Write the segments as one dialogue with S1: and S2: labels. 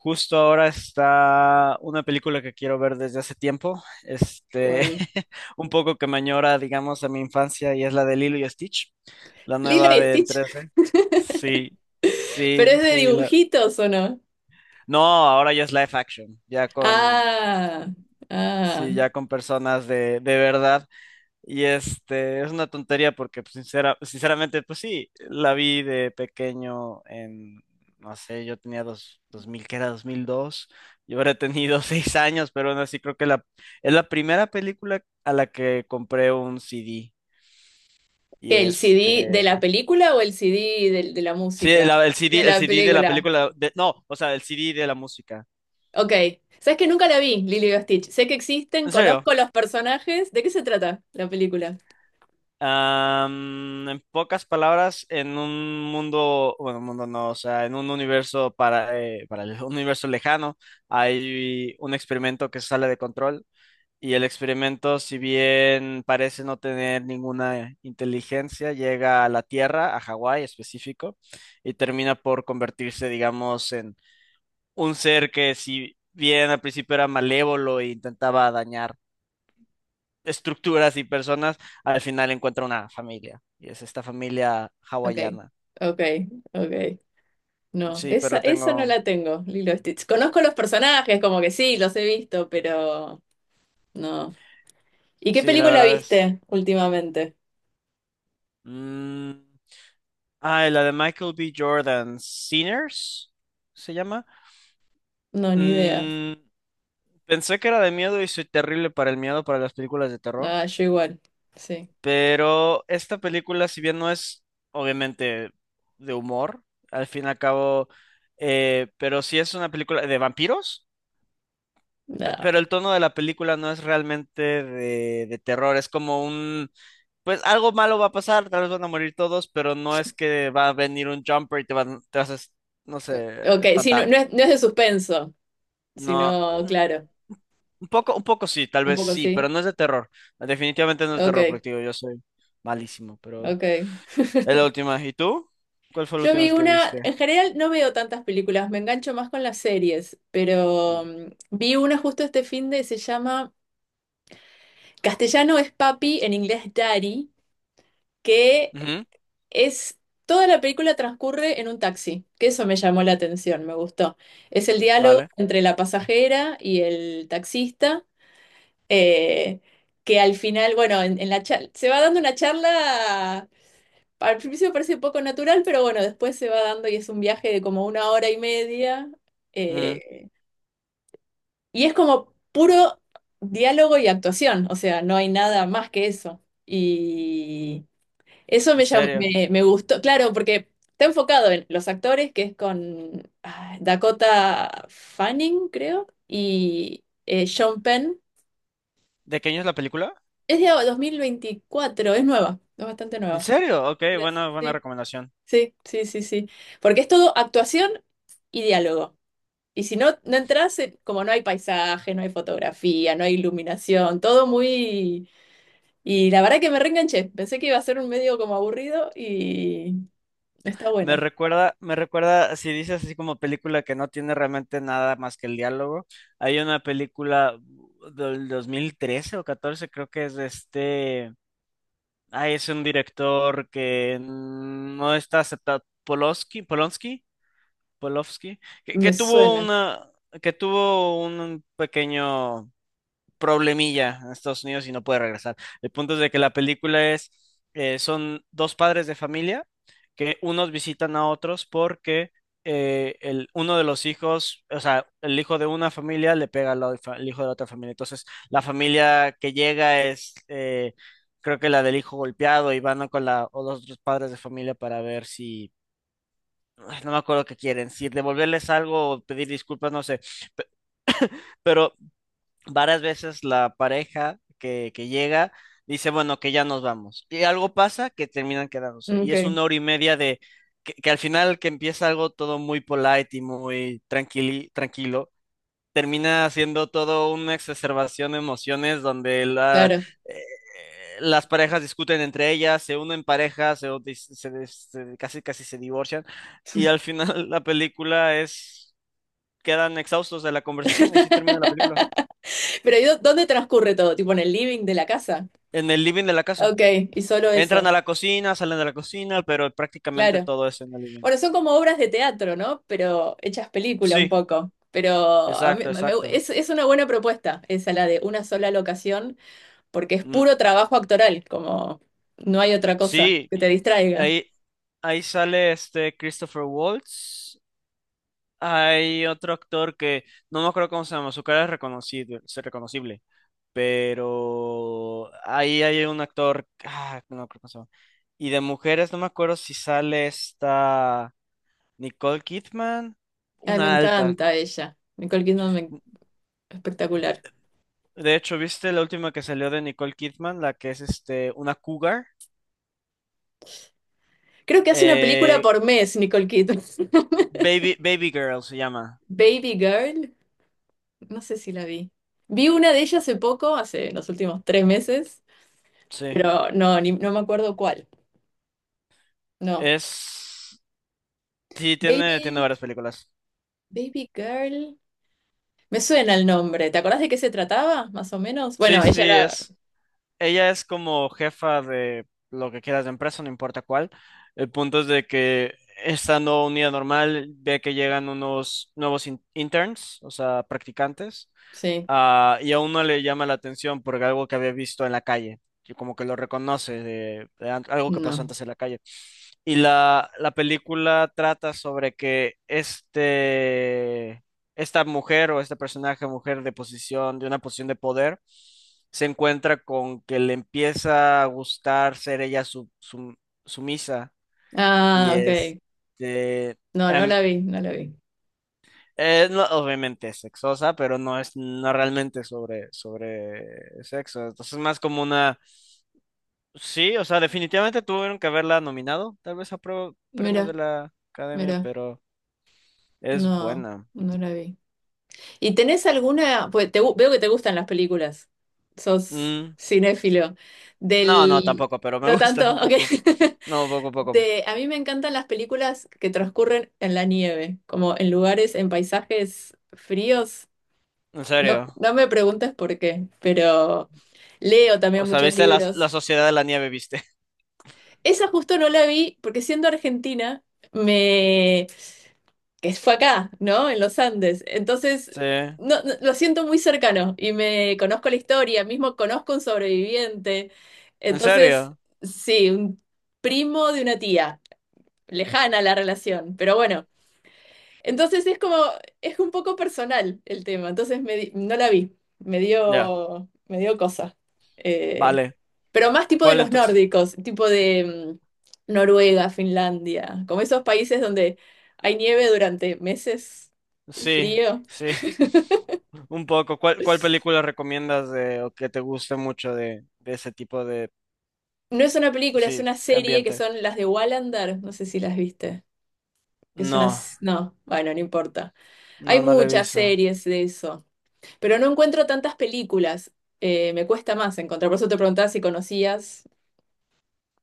S1: Justo ahora está una película que quiero ver desde hace tiempo,
S2: ¿Cuál?
S1: un poco que me añora, digamos, a mi infancia y es la de Lilo y Stitch, la
S2: Lilo
S1: nueva
S2: y
S1: de en
S2: Stitch.
S1: 3D. Sí,
S2: ¿Pero
S1: sí,
S2: es de
S1: sí.
S2: dibujitos o no?
S1: No, ahora ya es live action, ya con,
S2: Ah, ah.
S1: sí, ya con personas de verdad. Y es una tontería porque pues, sinceramente, pues sí, la vi de pequeño en, no sé, yo tenía 2000 que era 2002. Yo habré tenido 6 años, pero aún así creo que la, es la primera película a la que compré un CD. Y
S2: ¿Qué, el CD de la película o el CD de la
S1: sí,
S2: música?
S1: el
S2: De
S1: CD,
S2: la
S1: el CD de la
S2: película.
S1: película, de, no, o sea, el CD de la música.
S2: Ok. ¿Sabes que nunca la vi, Lilo y Stitch? Sé que existen,
S1: En serio.
S2: conozco los personajes. ¿De qué se trata la película?
S1: En pocas palabras, en un mundo, bueno, mundo no, o sea, en un universo para un universo lejano, hay un experimento que sale de control y el experimento, si bien parece no tener ninguna inteligencia, llega a la Tierra, a Hawái específico, y termina por convertirse, digamos, en un ser que si bien al principio era malévolo e intentaba dañar estructuras y personas, al final encuentra una familia. Y es esta familia
S2: Ok,
S1: hawaiana.
S2: ok, ok. No,
S1: Sí,
S2: esa,
S1: pero
S2: esa no
S1: tengo.
S2: la tengo, Lilo y Stitch. Conozco los personajes, como que sí, los he visto, pero no. ¿Y qué
S1: Sí, la
S2: película
S1: verdad es.
S2: viste últimamente?
S1: mm, Ah, la de Michael B. Jordan, Sinners, se llama.
S2: No, ni idea.
S1: Mm, Pensé que era de miedo y soy terrible para el miedo, para las películas de terror.
S2: Ah, yo igual. Sí.
S1: Pero esta película, si bien no es obviamente de humor, al fin y al cabo, pero sí es una película de vampiros.
S2: No.
S1: Pero el tono de la película no es realmente de terror, es como un, pues algo malo va a pasar, tal vez van a morir todos, pero no es que va a venir un jumper y te van, te vas a, no sé,
S2: Ok, sí, no,
S1: espantar.
S2: no es de suspenso,
S1: No,
S2: sino, claro,
S1: un poco sí, tal
S2: un
S1: vez
S2: poco
S1: sí, pero
S2: sí.
S1: no es de terror. Definitivamente no es de
S2: Ok,
S1: terror, porque digo, yo soy malísimo, pero
S2: ok.
S1: es la última. ¿Y tú? ¿Cuál fue la
S2: Yo
S1: última
S2: vi
S1: vez que
S2: una,
S1: viste?
S2: en general no veo tantas películas, me engancho más con las series, pero
S1: Mm.
S2: vi una justo este fin de, se llama Castellano es papi, en inglés daddy, que
S1: Ujú.
S2: es, toda la película transcurre en un taxi, que eso me llamó la atención, me gustó. Es el diálogo
S1: Vale.
S2: entre la pasajera y el taxista. eh, que al final, bueno, en la charla, se va dando una charla, al principio parece poco natural, pero bueno, después se va dando y es un viaje de como una hora y media,
S1: Mm.
S2: eh, y es como puro diálogo y actuación, o sea, no hay nada más que eso. Y eso
S1: ¿En
S2: me, llam-
S1: serio?
S2: me, me gustó, claro, porque está enfocado en los actores, que es con Dakota Fanning, creo, y Sean Penn.
S1: ¿De qué año es la película?
S2: Es de 2024, es nueva, es bastante
S1: ¿En
S2: nueva.
S1: serio? Ok,
S2: 23,
S1: buena, buena
S2: sí,
S1: recomendación.
S2: sí, sí, sí, sí. Porque es todo actuación y diálogo. Y si no, no entras, como no hay paisaje, no hay fotografía, no hay iluminación, todo muy... Y la verdad que me reenganché. Pensé que iba a ser un medio como aburrido y está
S1: Me
S2: buena.
S1: recuerda, me recuerda, si dices así como película que no tiene realmente nada más que el diálogo, hay una película del 2013 o 14 creo que es de este, es un director que no está aceptado, Polowski, Polonsky, Polowski, que,
S2: Me
S1: que tuvo
S2: suena.
S1: que tuvo un pequeño problemilla en Estados Unidos y no puede regresar. El punto es de que la película son dos padres de familia que unos visitan a otros porque uno de los hijos, o sea, el hijo de una familia le pega al hijo de la otra familia. Entonces, la familia que llega creo que la del hijo golpeado y van con la, o los otros padres de familia para ver si... Ay, no me acuerdo qué quieren, si devolverles algo o pedir disculpas, no sé. Pero varias veces la pareja que llega dice, bueno, que ya nos vamos. Y algo pasa que terminan quedándose. Y es
S2: Ok,
S1: una hora y media de que al final que empieza algo todo muy polite y muy tranquilo, termina siendo todo una exacerbación de emociones donde la,
S2: claro.
S1: eh, las parejas discuten entre ellas, se unen parejas, se- se- casi casi se divorcian. Y al final la película es... Quedan exhaustos de la conversación y así termina la película.
S2: Pero ¿y dónde transcurre todo? ¿Tipo en el living de la casa?
S1: En el living de la casa.
S2: Ok, y solo eso.
S1: Entran a la cocina, salen de la cocina, pero prácticamente
S2: Claro.
S1: todo es en el living.
S2: Bueno, son como obras de teatro, ¿no? Pero hechas película un
S1: Sí,
S2: poco. Pero a mí-
S1: exacto,
S2: me- me-
S1: exacto.
S2: es una buena propuesta esa, la de una sola locación, porque es
S1: Mm,
S2: puro trabajo actoral, como no hay otra cosa
S1: sí,
S2: que te distraiga.
S1: ahí, ahí sale este Christopher Waltz. Hay otro actor que no me acuerdo cómo se llama, su cara es reconocible, pero ahí hay un actor, no me acuerdo cómo se llama. Y de mujeres no me acuerdo si sale esta Nicole Kidman,
S2: Ay, me
S1: una alta.
S2: encanta ella. Nicole Kidman, espectacular.
S1: De hecho, ¿viste la última que salió de Nicole Kidman? La que es este una cougar.
S2: Creo que hace una película
S1: Eh,
S2: por mes, Nicole Kidman.
S1: Baby Girl se llama.
S2: Baby Girl, no sé si la vi. Vi una de ellas hace poco, hace los últimos 3 meses,
S1: Sí.
S2: pero no, no me acuerdo cuál. No.
S1: Es. Sí, tiene
S2: Baby,
S1: varias películas.
S2: Baby Girl. Me suena el nombre. ¿Te acordás de qué se trataba, más o menos?
S1: Sí,
S2: Bueno, ella
S1: sí,
S2: era...
S1: es. Ella es como jefa de lo que quieras de empresa, no importa cuál. El punto es de que estando un día normal, ve que llegan unos nuevos interns, o sea, practicantes,
S2: Sí,
S1: y a uno le llama la atención por algo que había visto en la calle, que como que lo reconoce de algo que pasó
S2: no.
S1: antes en la calle. Y la película trata sobre que esta mujer o este personaje mujer de posición, de una posición de poder, se encuentra con que le empieza a gustar ser ella su, sumisa y
S2: Ah,
S1: es
S2: ok.
S1: eh,
S2: No, no
S1: em,
S2: la vi, no la vi.
S1: no, obviamente es sexosa, pero no es no realmente sobre sexo. Entonces es más como una... Sí, o sea, definitivamente tuvieron que haberla nominado, tal vez a premios
S2: Mira,
S1: de la academia,
S2: mira.
S1: pero es
S2: No,
S1: buena.
S2: no la vi. ¿Y tenés alguna... Pues veo que te gustan las películas. Sos
S1: Mm,
S2: cinéfilo.
S1: No, no,
S2: Del...
S1: tampoco, pero me
S2: No
S1: gusta
S2: tanto,
S1: un
S2: ok.
S1: poco. No, poco, poco, poco.
S2: A mí me encantan las películas que transcurren en la nieve, como en lugares, en paisajes fríos.
S1: En
S2: No,
S1: serio.
S2: no me preguntes por qué, pero leo también
S1: O sea,
S2: muchos
S1: viste la
S2: libros.
S1: Sociedad de la Nieve, viste.
S2: Esa justo no la vi porque siendo argentina, me... que fue acá, ¿no? En los Andes. Entonces,
S1: Sí. En
S2: no, lo siento muy cercano y me conozco la historia, mismo conozco un sobreviviente. Entonces,
S1: serio.
S2: sí, un primo de una tía, lejana la relación, pero bueno. Entonces es como, es un poco personal el tema, entonces no la vi,
S1: Ya.
S2: me dio cosa. Eh,
S1: Vale.
S2: pero más tipo de
S1: ¿Cuál
S2: los
S1: entonces?
S2: nórdicos, tipo de Noruega, Finlandia, como esos países donde hay nieve durante meses y
S1: Sí.
S2: frío.
S1: Sí. Un poco. ¿Cuál película recomiendas de, o que te guste mucho de ese tipo de,
S2: No es una película, es
S1: sí,
S2: una serie que
S1: ambiente?
S2: son las de Wallander, no sé si las viste, que es una...
S1: No.
S2: No, bueno, no importa. Hay
S1: No, no la he
S2: muchas
S1: visto.
S2: series de eso. Pero no encuentro tantas películas. Me cuesta más encontrar. Por eso te preguntaba si conocías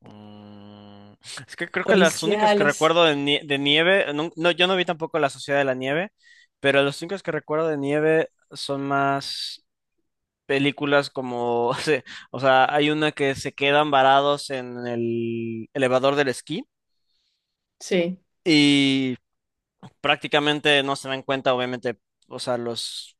S1: Mm, Es que creo que las únicas que
S2: policiales.
S1: recuerdo de nieve, no, no, yo no vi tampoco La Sociedad de la Nieve, pero las únicas que recuerdo de nieve son más. Películas como, o sea, hay una que se quedan varados en el elevador del esquí
S2: Sí,
S1: prácticamente no se dan cuenta, obviamente, o sea, los,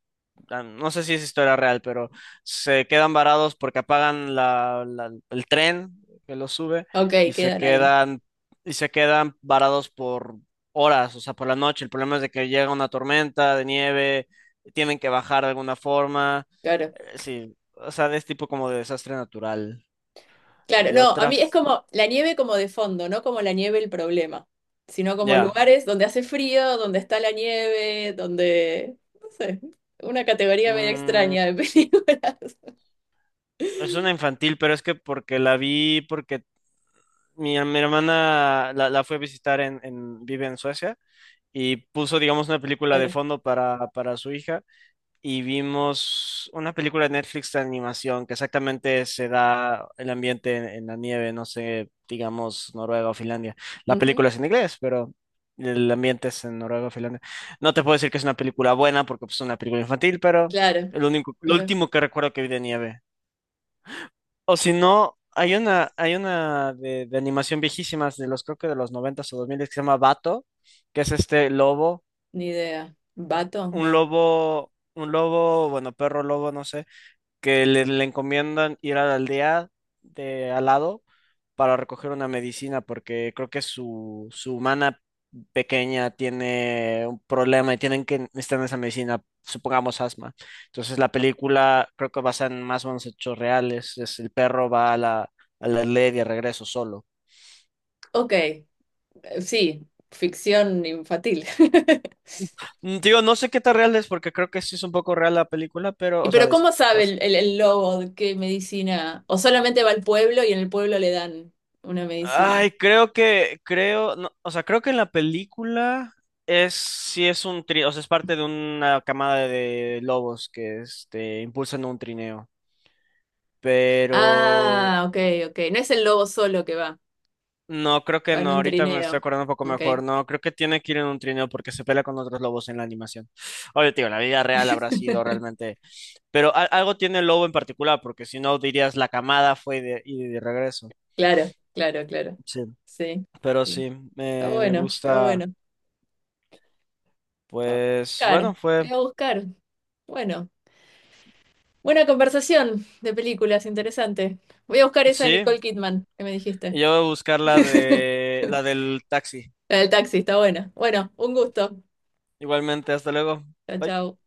S1: ah, no sé si es historia real, pero se quedan varados porque apagan el tren que los sube
S2: ok,
S1: y se
S2: quedan ahí.
S1: quedan, y se quedan varados por horas, o sea, por la noche. El problema es de que llega una tormenta de nieve, tienen que bajar de alguna forma,
S2: Claro.
S1: sí, o sea, es tipo como de desastre natural.
S2: Claro,
S1: De
S2: no, a
S1: otra,
S2: mí
S1: f-
S2: es como la nieve como de fondo, no como la nieve el problema, sino como
S1: ya.
S2: lugares donde hace frío, donde está la nieve, donde, no sé, una categoría medio
S1: Mm,
S2: extraña de películas.
S1: es una infantil, pero es que porque la vi, porque mi hermana la fue a visitar en, vive en Suecia y puso, digamos, una película de
S2: Claro.
S1: fondo para su hija y vimos una película de Netflix de animación que exactamente se da el ambiente en la nieve, no sé, digamos, Noruega o Finlandia. La
S2: Ujú,
S1: película es en inglés, pero el ambiente es en Noruega o Finlandia. No te puedo decir que es una película buena porque pues, es una película infantil, pero
S2: claro.
S1: el único, lo
S2: Pero,
S1: último que recuerdo que vi de nieve. O si no, hay una, hay una de animación viejísimas creo que de los 90 o 2000 que se llama Bato, que es este lobo,
S2: ni idea. ¿Vato?
S1: un
S2: No.
S1: lobo, un lobo, bueno, perro lobo, no sé, que le encomiendan ir a la aldea de al lado para recoger una medicina, porque creo que su humana pequeña tiene un problema y tienen que necesitar esa medicina, supongamos asma. Entonces la película creo que basa en más o menos hechos reales, es el perro va a la aldea y de regreso solo.
S2: Ok, sí, ficción infantil.
S1: Digo, no sé qué tan real es porque creo que sí es un poco real la película, pero,
S2: Y
S1: o
S2: Pero
S1: sea,
S2: ¿cómo sabe el lobo de qué medicina? ¿O solamente va al pueblo y en el pueblo le dan una medicina?
S1: Ay, no, o sea, creo que en la película sí es un trineo, o sea, es parte de una camada de lobos que, este, impulsan un trineo, pero
S2: Ah, ok, ok. No es el lobo solo que va,
S1: no, creo que
S2: va en
S1: no,
S2: un
S1: ahorita me estoy
S2: trineo.
S1: acordando un poco
S2: Ok,
S1: mejor, no, creo que tiene que ir en un trineo porque se pelea con otros lobos en la animación. Oye, tío, la vida real habrá sido realmente, pero algo tiene el lobo en particular, porque si no dirías la camada fue y de regreso.
S2: claro, claro, claro.
S1: Sí.
S2: Sí,
S1: Pero
S2: sí.
S1: sí,
S2: Está
S1: me
S2: bueno, está
S1: gusta,
S2: bueno. Voy a
S1: pues,
S2: buscar,
S1: bueno,
S2: voy
S1: fue.
S2: a buscar. Bueno, buena conversación de películas, interesante. Voy a buscar esa de
S1: Sí,
S2: Nicole Kidman que me dijiste.
S1: y yo voy a buscar la de la del taxi.
S2: La del taxi, está buena. Bueno, un gusto.
S1: Igualmente, hasta luego.
S2: Chao,
S1: Bye.
S2: chao.